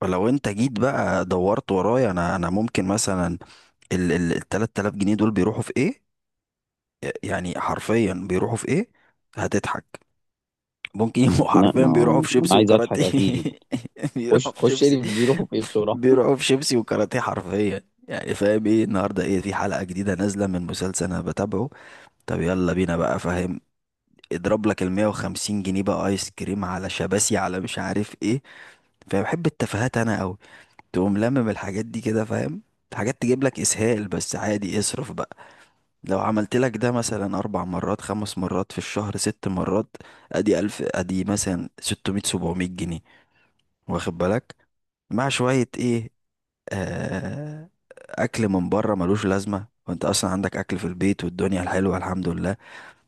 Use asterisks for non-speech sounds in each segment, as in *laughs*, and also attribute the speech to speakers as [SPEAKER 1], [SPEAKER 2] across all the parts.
[SPEAKER 1] فلو انت جيت بقى دورت ورايا، انا ممكن مثلا ال 3000 جنيه دول بيروحوا في ايه؟ يعني حرفيا بيروحوا في ايه؟ هتضحك. ممكن يبقوا *laughs*
[SPEAKER 2] لا،
[SPEAKER 1] حرفيا
[SPEAKER 2] ما هو
[SPEAKER 1] بيروحوا
[SPEAKER 2] انا
[SPEAKER 1] في
[SPEAKER 2] انا
[SPEAKER 1] شيبسي
[SPEAKER 2] عايز اضحك
[SPEAKER 1] وكاراتيه.
[SPEAKER 2] اكيد.
[SPEAKER 1] *laughs* بيروحوا
[SPEAKER 2] خش
[SPEAKER 1] في
[SPEAKER 2] خش
[SPEAKER 1] شيبسي.
[SPEAKER 2] اللي بيروحوا في *laughs* ايه بسرعه.
[SPEAKER 1] بيروحوا في شيبسي وكاراتيه حرفيا، يعني فاهم ايه؟ النهارده ايه؟ في حلقة جديدة نازلة من مسلسل انا بتابعه. طب يلا بينا بقى، فاهم؟ اضرب لك ال 150 جنيه بقى ايس كريم على شباسي، على مش عارف ايه. فبحب التفاهات انا قوي. تقوم لمم الحاجات دي كده، فاهم؟ حاجات تجيب لك اسهال بس عادي، اصرف بقى. لو عملت لك ده مثلا اربع مرات خمس مرات في الشهر ست مرات، ادي الف، ادي مثلا 600 700 جنيه. واخد بالك؟ مع شوية ايه؟ آه، اكل من بره ملوش لازمة وانت اصلا عندك اكل في البيت والدنيا الحلوة الحمد لله.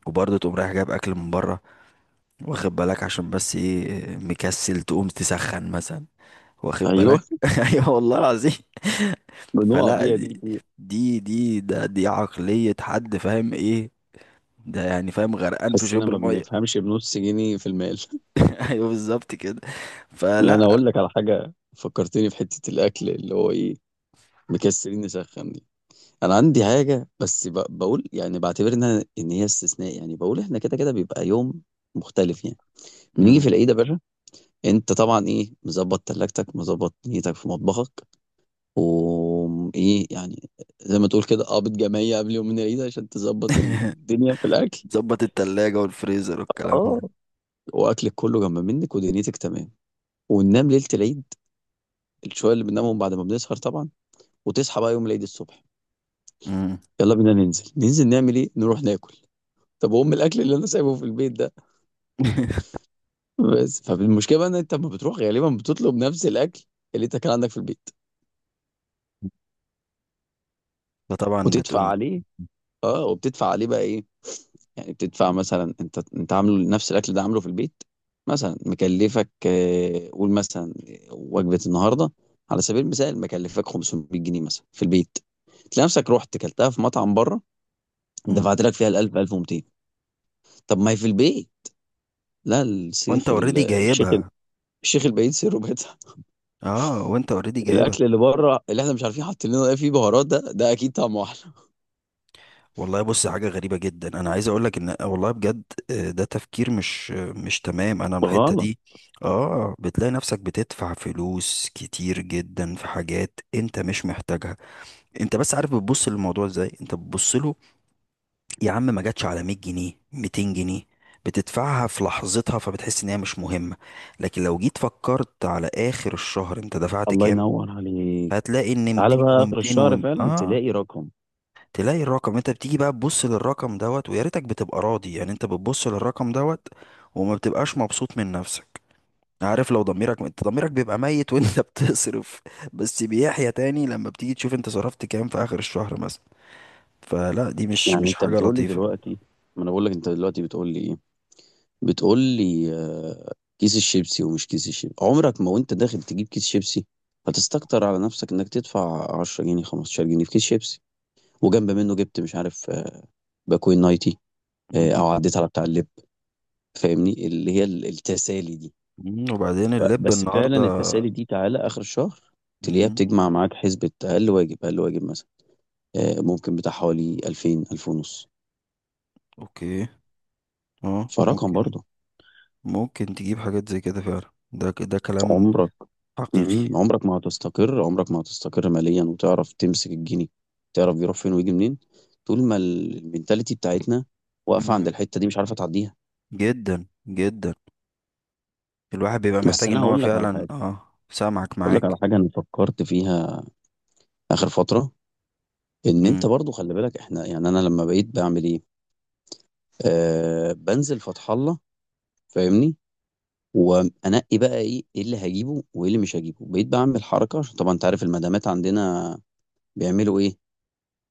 [SPEAKER 1] وبرضه تقوم رايح جايب اكل من بره. واخد بالك؟ عشان بس ايه؟ مكسل تقوم تسخن مثلا. واخد
[SPEAKER 2] ايوه،
[SPEAKER 1] بالك؟ *laughs* ايوه والله العظيم.
[SPEAKER 2] بنقع
[SPEAKER 1] فلا،
[SPEAKER 2] فيها
[SPEAKER 1] دي
[SPEAKER 2] دي كتير.
[SPEAKER 1] دي دي ده دي عقلية حد، فاهم ايه؟ ده يعني فاهم غرقان في
[SPEAKER 2] تحسنا
[SPEAKER 1] شبر
[SPEAKER 2] ما
[SPEAKER 1] مية.
[SPEAKER 2] بنفهمش بنص جنيه في المال. *laughs*
[SPEAKER 1] *laughs* ايوه بالظبط كده.
[SPEAKER 2] لا، انا
[SPEAKER 1] فلا.
[SPEAKER 2] اقول لك على حاجه فكرتني في حته الاكل اللي هو ايه، مكسرين نسخن دي. انا عندي حاجه بس بقول، يعني بعتبر انها ان هي استثناء، يعني بقول احنا كده كده بيبقى يوم مختلف يعني. بنيجي
[SPEAKER 1] مم.
[SPEAKER 2] في العيد يا باشا، انت طبعا ايه، مظبط تلاجتك، مظبط نيتك في مطبخك، ايه يعني، زي ما تقول كده قابض جمعية قبل يوم من العيد عشان تظبط
[SPEAKER 1] *laughs*
[SPEAKER 2] الدنيا في الأكل.
[SPEAKER 1] ظبط التلاجة والفريزر والكلام
[SPEAKER 2] اه،
[SPEAKER 1] ده.
[SPEAKER 2] وأكلك كله جنب منك ودنيتك تمام، وننام ليلة العيد، الشوية اللي بننامهم بعد ما بنسهر طبعا، وتصحى بقى يوم العيد الصبح.
[SPEAKER 1] مم.
[SPEAKER 2] يلا بينا ننزل، ننزل نعمل ايه، نروح ناكل. طب وام الاكل اللي انا سايبه في البيت ده؟
[SPEAKER 1] *laughs*
[SPEAKER 2] بس فالمشكله بقى ان انت لما بتروح غالبا بتطلب نفس الاكل اللي انت كان عندك في البيت،
[SPEAKER 1] فطبعا
[SPEAKER 2] وتدفع
[SPEAKER 1] بتقوم.
[SPEAKER 2] عليه. اه، وبتدفع عليه بقى ايه، يعني بتدفع مثلا انت عامله نفس الاكل ده، عامله في البيت مثلا مكلفك آه، قول مثلا وجبه النهارده على سبيل المثال مكلفك 500 جنيه مثلا في البيت، تلاقي نفسك رحت كلتها في مطعم بره،
[SPEAKER 1] مم.
[SPEAKER 2] دفعت لك فيها ال 1000، 1200. طب ما هي في البيت. لا،
[SPEAKER 1] وانت اوريدي جايبها.
[SPEAKER 2] الشيخ البعيد سره بيتها.
[SPEAKER 1] اه وانت اوريدي جايبها.
[SPEAKER 2] الاكل اللي بره، اللي احنا مش عارفين حاطين لنا ايه فيه بهارات، ده اكيد طعمه احلى.
[SPEAKER 1] والله بص، حاجة غريبة جدا، انا عايز اقول لك ان والله بجد، ده تفكير مش مش تمام انا الحتة
[SPEAKER 2] غلط.
[SPEAKER 1] دي. اه، بتلاقي نفسك بتدفع فلوس كتير جدا في حاجات انت مش محتاجها. انت بس عارف بتبص للموضوع ازاي؟ انت بتبص له يا عم، ما جاتش على 100 جنيه 200 جنيه، بتدفعها في لحظتها فبتحس ان هي مش مهمة. لكن لو جيت فكرت على اخر الشهر انت دفعت
[SPEAKER 2] الله
[SPEAKER 1] كام،
[SPEAKER 2] ينور عليك.
[SPEAKER 1] هتلاقي ان
[SPEAKER 2] تعالى
[SPEAKER 1] 200
[SPEAKER 2] بقى اخر
[SPEAKER 1] و200
[SPEAKER 2] الشهر،
[SPEAKER 1] و
[SPEAKER 2] فعلا تلاقي رقم.
[SPEAKER 1] تلاقي الرقم. انت بتيجي بقى تبص للرقم دوت، ويا ريتك بتبقى راضي يعني. انت بتبص للرقم دوت، وما بتبقاش مبسوط من نفسك. عارف لو ضميرك، انت ضميرك بيبقى ميت وانت *laughs* بتصرف، بس بيحيى تاني لما بتيجي تشوف انت صرفت كام في اخر الشهر مثلا. فلا دي مش
[SPEAKER 2] يعني
[SPEAKER 1] مش
[SPEAKER 2] انت
[SPEAKER 1] حاجة
[SPEAKER 2] بتقول لي
[SPEAKER 1] لطيفة.
[SPEAKER 2] دلوقتي، ما انا بقول لك، انت دلوقتي بتقول لي ايه، بتقول لي آه، كيس الشيبسي ومش كيس الشيبسي، عمرك ما وانت داخل تجيب كيس شيبسي هتستكتر على نفسك انك تدفع 10 جنيه، 15 جنيه في كيس شيبسي، وجنب منه جبت مش عارف آه، باكوين نايتي،
[SPEAKER 1] مم.
[SPEAKER 2] آه، او عديت على بتاع اللب. فاهمني، اللي هي التسالي دي.
[SPEAKER 1] مم. وبعدين اللب
[SPEAKER 2] بس فعلا
[SPEAKER 1] النهاردة.
[SPEAKER 2] التسالي دي تعالى اخر الشهر تلاقيها
[SPEAKER 1] مم.
[SPEAKER 2] بتجمع معاك حسبة اقل واجب اقل واجب مثلا آه، ممكن بتاع حوالي 2000، 2000 ونص.
[SPEAKER 1] اوكي. اه
[SPEAKER 2] فرقم
[SPEAKER 1] ممكن.
[SPEAKER 2] برضه.
[SPEAKER 1] ممكن تجيب حاجات زي كده فعلا، ده كلام
[SPEAKER 2] عمرك،
[SPEAKER 1] حقيقي.
[SPEAKER 2] مم. عمرك ما هتستقر، عمرك ما هتستقر ماليا وتعرف تمسك الجنيه، تعرف بيروح فين ويجي منين، طول ما المينتاليتي بتاعتنا واقفة عند
[SPEAKER 1] مم.
[SPEAKER 2] الحتة دي مش عارفة تعديها.
[SPEAKER 1] جدا جدا. الواحد بيبقى
[SPEAKER 2] بس
[SPEAKER 1] محتاج
[SPEAKER 2] انا
[SPEAKER 1] ان هو
[SPEAKER 2] هقول لك على
[SPEAKER 1] فعلا
[SPEAKER 2] حاجة،
[SPEAKER 1] اه سامعك
[SPEAKER 2] هقول لك على
[SPEAKER 1] معاك.
[SPEAKER 2] حاجة انا فكرت فيها اخر فترة. ان انت
[SPEAKER 1] مم.
[SPEAKER 2] برضو خلي بالك، احنا يعني انا لما بقيت بعمل ايه، آه، بنزل فتح الله، فاهمني، وانقي بقى ايه، ايه اللي هجيبه وايه اللي مش هجيبه. بقيت بعمل حركة عشان طبعا انت عارف المدامات عندنا بيعملوا ايه،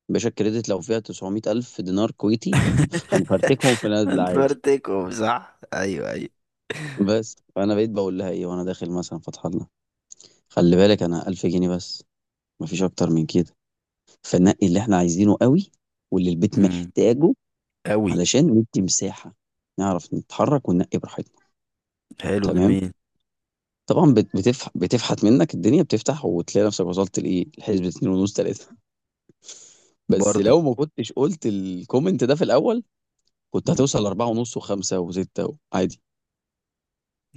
[SPEAKER 2] باشا الكريدت لو فيها 900 ألف دينار كويتي هنفرتكهم في
[SPEAKER 1] *laughs*
[SPEAKER 2] نازلة عادي.
[SPEAKER 1] انفرتكم صح، ايوه ايوه.
[SPEAKER 2] بس فأنا بقيت بقول لها إيه وأنا داخل مثلا فتح الله، خلي بالك أنا 1000 جنيه بس، مفيش أكتر من كده، فنقي اللي إحنا عايزينه قوي واللي البيت
[SPEAKER 1] امم.
[SPEAKER 2] محتاجه،
[SPEAKER 1] قوي.
[SPEAKER 2] علشان ندي مساحة نعرف نتحرك وننقي براحتنا.
[SPEAKER 1] حلو
[SPEAKER 2] تمام.
[SPEAKER 1] جميل.
[SPEAKER 2] طبعا بتفحت منك الدنيا، بتفتح وتلاقي نفسك وصلت لإيه، لحسبة 2 ونص، 3. *laughs* بس
[SPEAKER 1] برضو.
[SPEAKER 2] لو ما كنتش قلت الكومنت ده في الأول كنت
[SPEAKER 1] مم.
[SPEAKER 2] هتوصل 4 ونص و5 و6 عادي.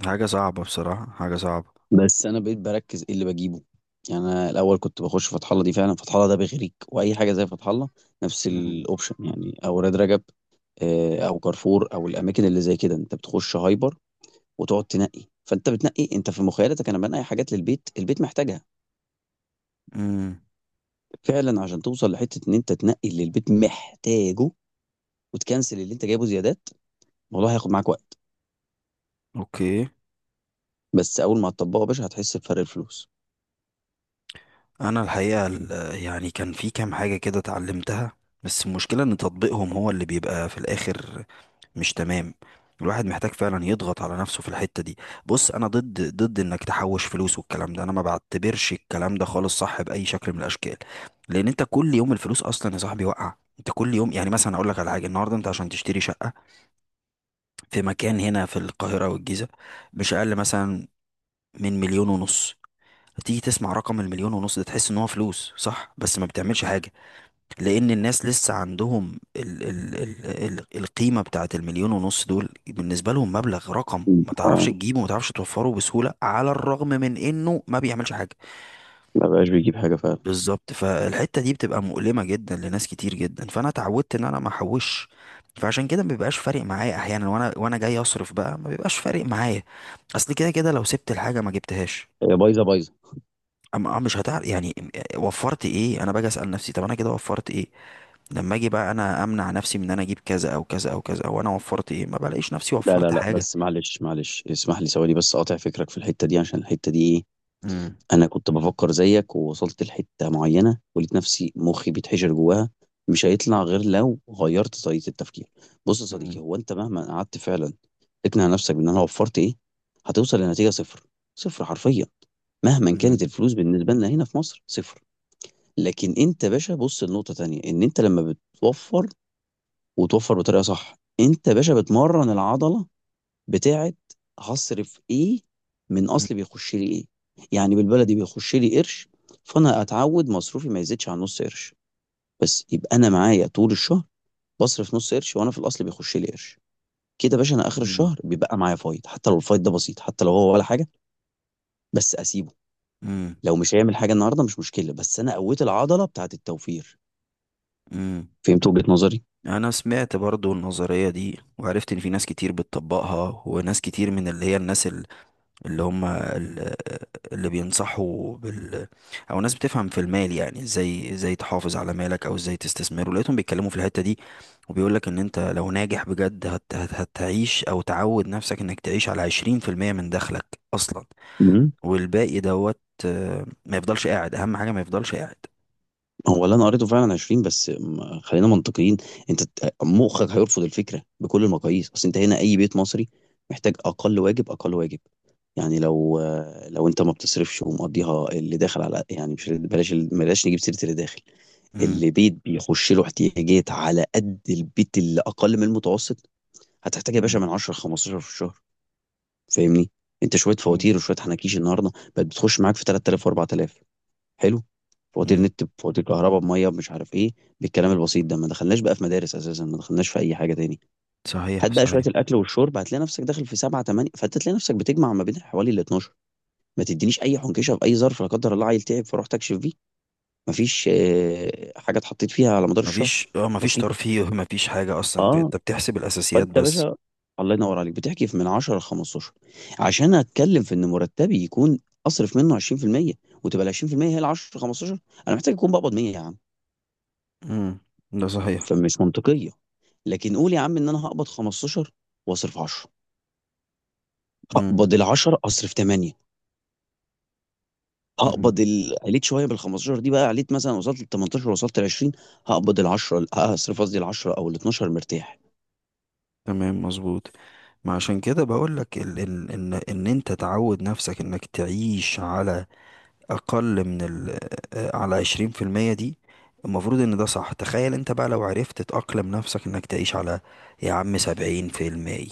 [SPEAKER 1] حاجة صعبة بصراحة، حاجة صعبة.
[SPEAKER 2] بس انا بقيت بركز ايه اللي بجيبه، يعني انا الاول كنت بخش فتح الله، دي فعلا فتح الله ده بيغريك، واي حاجه زي فتح الله، نفس الاوبشن يعني، او راد رجب آه، او كارفور او الاماكن اللي زي كده. انت بتخش هايبر وتقعد تنقي، فانت بتنقي انت في مخيلتك انا بنقي حاجات للبيت، البيت محتاجها
[SPEAKER 1] امم.
[SPEAKER 2] فعلا، عشان توصل لحته ان انت تنقي اللي البيت محتاجه وتكنسل اللي انت جايبه زيادات. الموضوع هياخد معاك وقت،
[SPEAKER 1] اوكي.
[SPEAKER 2] بس اول ما هتطبقه يا باشا هتحس بفرق الفلوس.
[SPEAKER 1] انا الحقيقه ال- يعني كان في كام حاجه كده اتعلمتها، بس المشكله ان تطبيقهم هو اللي بيبقى في الاخر مش تمام. الواحد محتاج فعلا يضغط على نفسه في الحته دي. بص، انا ضد ضد انك تحوش فلوس والكلام ده. انا ما بعتبرش الكلام ده خالص صح باي شكل من الاشكال، لان انت كل يوم الفلوس اصلا يا صاحبي واقعه. انت كل يوم يعني مثلا اقول لك على حاجه. النهارده انت عشان تشتري شقه في مكان هنا في القاهره والجيزه، مش اقل مثلا من مليون ونص. تيجي تسمع رقم المليون ونص ده، تحس ان هو فلوس صح بس ما بتعملش حاجة، لان الناس لسه عندهم ال القيمة بتاعت المليون ونص دول بالنسبة لهم مبلغ، رقم
[SPEAKER 2] م.
[SPEAKER 1] ما تعرفش
[SPEAKER 2] اه،
[SPEAKER 1] تجيبه وما تعرفش توفره بسهولة على الرغم من انه ما بيعملش حاجة.
[SPEAKER 2] ما بقاش بيجيب حاجه فعلا.
[SPEAKER 1] بالظبط، فالحتة دي بتبقى مؤلمة جدا لناس كتير جدا، فانا اتعودت ان انا ما احوش. فعشان كده ما بيبقاش فارق معايا احيانا، وانا جاي اصرف بقى ما بيبقاش فارق معايا، اصل كده كده لو سبت الحاجة ما جبتهاش،
[SPEAKER 2] هي بايظه بايظه.
[SPEAKER 1] اما آه مش هتعرف يعني وفرت ايه. انا باجي اسال نفسي، طب انا كده وفرت ايه؟ لما اجي بقى انا امنع نفسي من ان انا اجيب كذا او كذا او كذا، وانا وفرت ايه؟ ما بلاقيش نفسي
[SPEAKER 2] لا لا
[SPEAKER 1] وفرت
[SPEAKER 2] لا،
[SPEAKER 1] حاجه.
[SPEAKER 2] بس معلش معلش، اسمح لي ثواني بس اقاطع فكرك في الحته دي، عشان الحته دي ايه،
[SPEAKER 1] امم.
[SPEAKER 2] انا كنت بفكر زيك، ووصلت لحته معينه ولقيت نفسي مخي بيتحشر جواها، مش هيطلع غير لو غيرت طريقه التفكير. بص يا
[SPEAKER 1] امم.
[SPEAKER 2] صديقي، هو انت مهما قعدت فعلا تقنع نفسك بان انا وفرت ايه، هتوصل لنتيجه صفر، صفر حرفيا، مهما كانت
[SPEAKER 1] امم.
[SPEAKER 2] الفلوس بالنسبه لنا هنا في مصر صفر. لكن انت يا باشا بص لنقطه تانية، ان انت لما بتوفر، وتوفر بطريقه صح، انت يا باشا بتمرن العضله بتاعه هصرف ايه من اصل بيخش لي ايه. يعني بالبلدي بيخش لي قرش، فانا اتعود مصروفي ما يزيدش عن نص قرش، بس يبقى انا معايا طول الشهر بصرف نص قرش وانا في الاصل بيخش لي قرش. كده يا باشا انا اخر
[SPEAKER 1] امم.
[SPEAKER 2] الشهر بيبقى معايا فايض، حتى لو الفايض ده بسيط، حتى لو هو ولا حاجه، بس اسيبه.
[SPEAKER 1] امم.
[SPEAKER 2] لو مش هيعمل حاجه النهارده مش مشكله، بس انا قويت العضله بتاعه التوفير.
[SPEAKER 1] امم.
[SPEAKER 2] فهمت وجهة نظري؟
[SPEAKER 1] انا سمعت برضو النظريه دي، وعرفت ان في ناس كتير بتطبقها، وناس كتير من اللي هي الناس اللي هم ال- اللي بينصحوا بال، او ناس بتفهم في المال يعني ازاي، ازاي تحافظ على مالك او ازاي تستثمره، لقيتهم بيتكلموا في الحتة دي. وبيقول لك ان انت لو ناجح بجد هتعيش، او تعود نفسك انك تعيش على 20% من دخلك اصلا،
[SPEAKER 2] مم.
[SPEAKER 1] والباقي دوت، ما يفضلش قاعد. اهم حاجة ما يفضلش قاعد.
[SPEAKER 2] هو اللي انا قريته فعلا 20، بس خلينا منطقيين. انت مخك هيرفض الفكره بكل المقاييس، اصل انت هنا اي بيت مصري محتاج اقل واجب اقل واجب، يعني لو، لو انت ما بتصرفش ومقضيها اللي داخل على، يعني مش بلاش بلاش نجيب سيره اللي داخل،
[SPEAKER 1] امم.
[SPEAKER 2] اللي بيت بيخش له احتياجات على قد البيت اللي اقل من المتوسط، هتحتاج يا باشا
[SPEAKER 1] مم.
[SPEAKER 2] من 10 ل 15 في الشهر. فاهمني، انت شويه
[SPEAKER 1] مم.
[SPEAKER 2] فواتير وشويه حناكيش النهارده بقت بتخش معاك في 3000 و4000. حلو. فواتير
[SPEAKER 1] امم.
[SPEAKER 2] نت، بفواتير كهرباء، بميه، مش عارف ايه، بالكلام البسيط ده. ما دخلناش بقى في مدارس اساسا، ما دخلناش في اي حاجه تاني.
[SPEAKER 1] صحيح
[SPEAKER 2] هات بقى شويه
[SPEAKER 1] صحيح.
[SPEAKER 2] الاكل والشرب هتلاقي نفسك داخل في سبعة تمانية، فانت تلاقي نفسك بتجمع ما بين حوالي ال 12. ما تدينيش اي حنكشه في اي ظرف، لا قدر الله عيل تعب فروح تكشف فيه، ما فيش آه، حاجه اتحطيت فيها على مدار الشهر.
[SPEAKER 1] مفيش مفيش
[SPEAKER 2] بسيطه.
[SPEAKER 1] ترفيه *laughs* مفيش حاجة اصلا. انت
[SPEAKER 2] اه،
[SPEAKER 1] بتحسب الاساسيات
[SPEAKER 2] فانت يا
[SPEAKER 1] بس.
[SPEAKER 2] باشا الله ينور عليك بتحكي في من 10 ل 15، عشان اتكلم في ان مرتبي يكون اصرف منه 20%، وتبقى ال 20% هي ال 10، 15. انا محتاج اكون بقبض 100 يا عم،
[SPEAKER 1] امم. ده صحيح.
[SPEAKER 2] فمش منطقية. لكن قول يا عم ان انا هقبض 15 واصرف 10،
[SPEAKER 1] امم.
[SPEAKER 2] هقبض ال 10 اصرف 8، هقبض عليت شويه بال 15 دي، بقى عليت مثلا وصلت لل 18، وصلت ل 20، هقبض ال 10 هصرف، قصدي ال 10 او ال 12 مرتاح.
[SPEAKER 1] تمام مظبوط. ما عشان كده بقول لك ال ال ان ان انت تعود نفسك انك تعيش على اقل من ال، على 20% دي. المفروض ان ده صح. تخيل انت بقى لو عرفت تأقلم نفسك انك تعيش على، يا عم، 70%،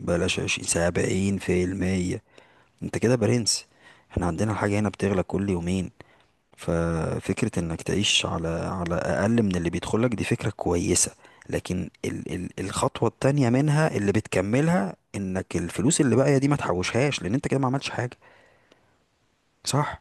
[SPEAKER 1] بلاش 20، 70%، انت كده برنس. احنا عندنا حاجة هنا بتغلى كل يومين، ففكرة انك تعيش على على اقل من اللي بيدخلك دي فكرة كويسة. لكن ال الخطوة التانية منها اللي بتكملها، انك الفلوس اللي باقية دي ما تحوشهاش لان انت كده ما عملتش حاجة، صح؟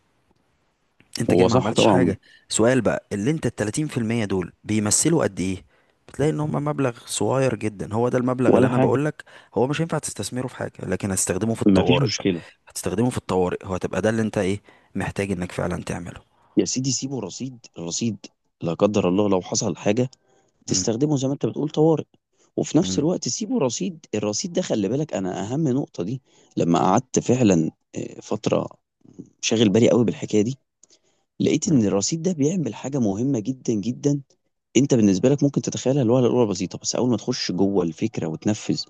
[SPEAKER 1] انت كده
[SPEAKER 2] هو
[SPEAKER 1] ما
[SPEAKER 2] صح
[SPEAKER 1] عملتش
[SPEAKER 2] طبعا.
[SPEAKER 1] حاجة. سؤال بقى، اللي انت التلاتين في المية دول بيمثلوا قد ايه؟ بتلاقي ان هم مبلغ صغير جدا. هو ده المبلغ اللي
[SPEAKER 2] ولا
[SPEAKER 1] انا
[SPEAKER 2] حاجه.
[SPEAKER 1] بقولك، هو مش هينفع تستثمره في حاجة لكن هتستخدمه في
[SPEAKER 2] مفيش
[SPEAKER 1] الطوارئ.
[SPEAKER 2] مشكله.
[SPEAKER 1] هتستخدمه في الطوارئ. هو هتبقى ده اللي انت ايه، محتاج انك فعلا تعمله.
[SPEAKER 2] يا سيدي سيبه رصيد الرصيد، لا قدر الله لو حصل حاجه
[SPEAKER 1] مم.
[SPEAKER 2] تستخدمه زي ما انت بتقول طوارئ. وفي نفس الوقت سيبه رصيد، الرصيد ده خلي بالك انا اهم نقطه دي. لما قعدت فعلا آه، فتره شاغل بالي قوي بالحكايه دي، لقيت ان
[SPEAKER 1] مم.
[SPEAKER 2] الرصيد ده بيعمل حاجه مهمه جدا جدا. انت بالنسبه لك ممكن تتخيلها الوهله الاولى بسيطه، بس اول ما تخش جوه الفكره وتنفذ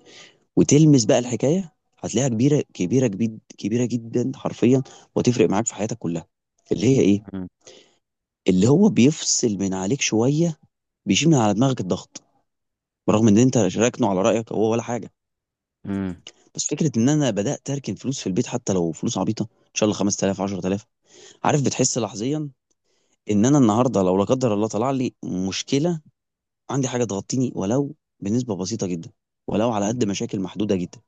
[SPEAKER 2] وتلمس بقى الحكايه، هتلاقيها كبيره، كبيره جدا، كبيره جدا حرفيا، وتفرق معاك في حياتك كلها. اللي هي ايه،
[SPEAKER 1] مم.
[SPEAKER 2] اللي هو بيفصل من عليك شويه، بيشيل من على دماغك الضغط، برغم ان انت راكنه على رايك هو ولا حاجه.
[SPEAKER 1] مم.
[SPEAKER 2] بس فكره ان انا بدات اركن فلوس في البيت، حتى لو فلوس عبيطه ان شاء الله 5000، 10000، عارف بتحس لحظيا ان انا النهارده لو لا قدر الله طلع لي مشكله، عندي حاجه تغطيني ولو بنسبه بسيطه جدا، ولو على قد مشاكل محدوده جدا،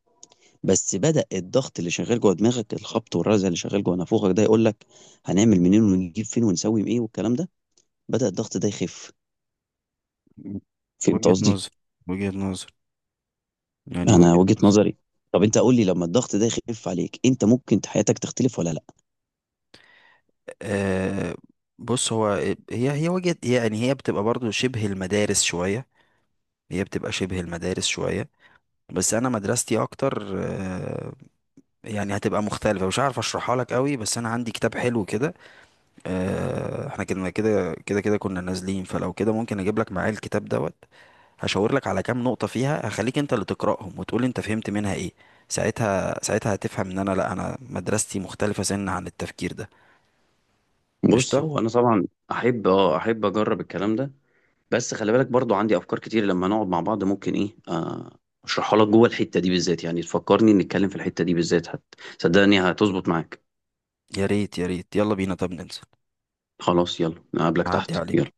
[SPEAKER 2] بس بدأ الضغط اللي شغال جوه دماغك، الخبط والرزع اللي شغال جوه نافوخك ده، يقول لك هنعمل منين ونجيب فين ونسوي ايه والكلام ده، بدأ الضغط ده يخف.
[SPEAKER 1] مم.
[SPEAKER 2] فهمت
[SPEAKER 1] وجهة
[SPEAKER 2] قصدي؟
[SPEAKER 1] نظر. وجهة نظر. يعني
[SPEAKER 2] انا
[SPEAKER 1] وجهة
[SPEAKER 2] وجهة
[SPEAKER 1] نظر.
[SPEAKER 2] نظري، طب انت قول لي لما الضغط ده يخف عليك انت ممكن حياتك تختلف ولا لا.
[SPEAKER 1] أه. بص هو، هي وجهة، يعني هي بتبقى برضو شبه المدارس شوية. هي بتبقى شبه المدارس شوية، بس أنا مدرستي أكتر أه، يعني هتبقى مختلفة. مش عارف أشرحها لك قوي، بس أنا عندي كتاب حلو كده. أه إحنا كنا كده كنا نازلين، فلو كده ممكن أجيب لك معايا الكتاب دوت، هشاور لك على كام نقطة فيها، هخليك انت اللي تقرأهم وتقول انت فهمت منها ايه. ساعتها ساعتها هتفهم ان انا لا، انا مدرستي مختلفة سن عن التفكير ده.
[SPEAKER 2] بص
[SPEAKER 1] قشطة.
[SPEAKER 2] هو انا طبعا احب، احب اجرب الكلام ده، بس خلي بالك برضو عندي افكار كتير لما نقعد مع بعض ممكن ايه آه، اشرحها لك جوه الحته دي بالذات، يعني تفكرني نتكلم في الحته دي بالذات، حتى صدقني هتظبط معاك.
[SPEAKER 1] يا ريت يا ريت، يلا بينا طب ننزل.
[SPEAKER 2] خلاص، يلا نقابلك
[SPEAKER 1] هعدي
[SPEAKER 2] تحت. يلا.
[SPEAKER 1] عليك.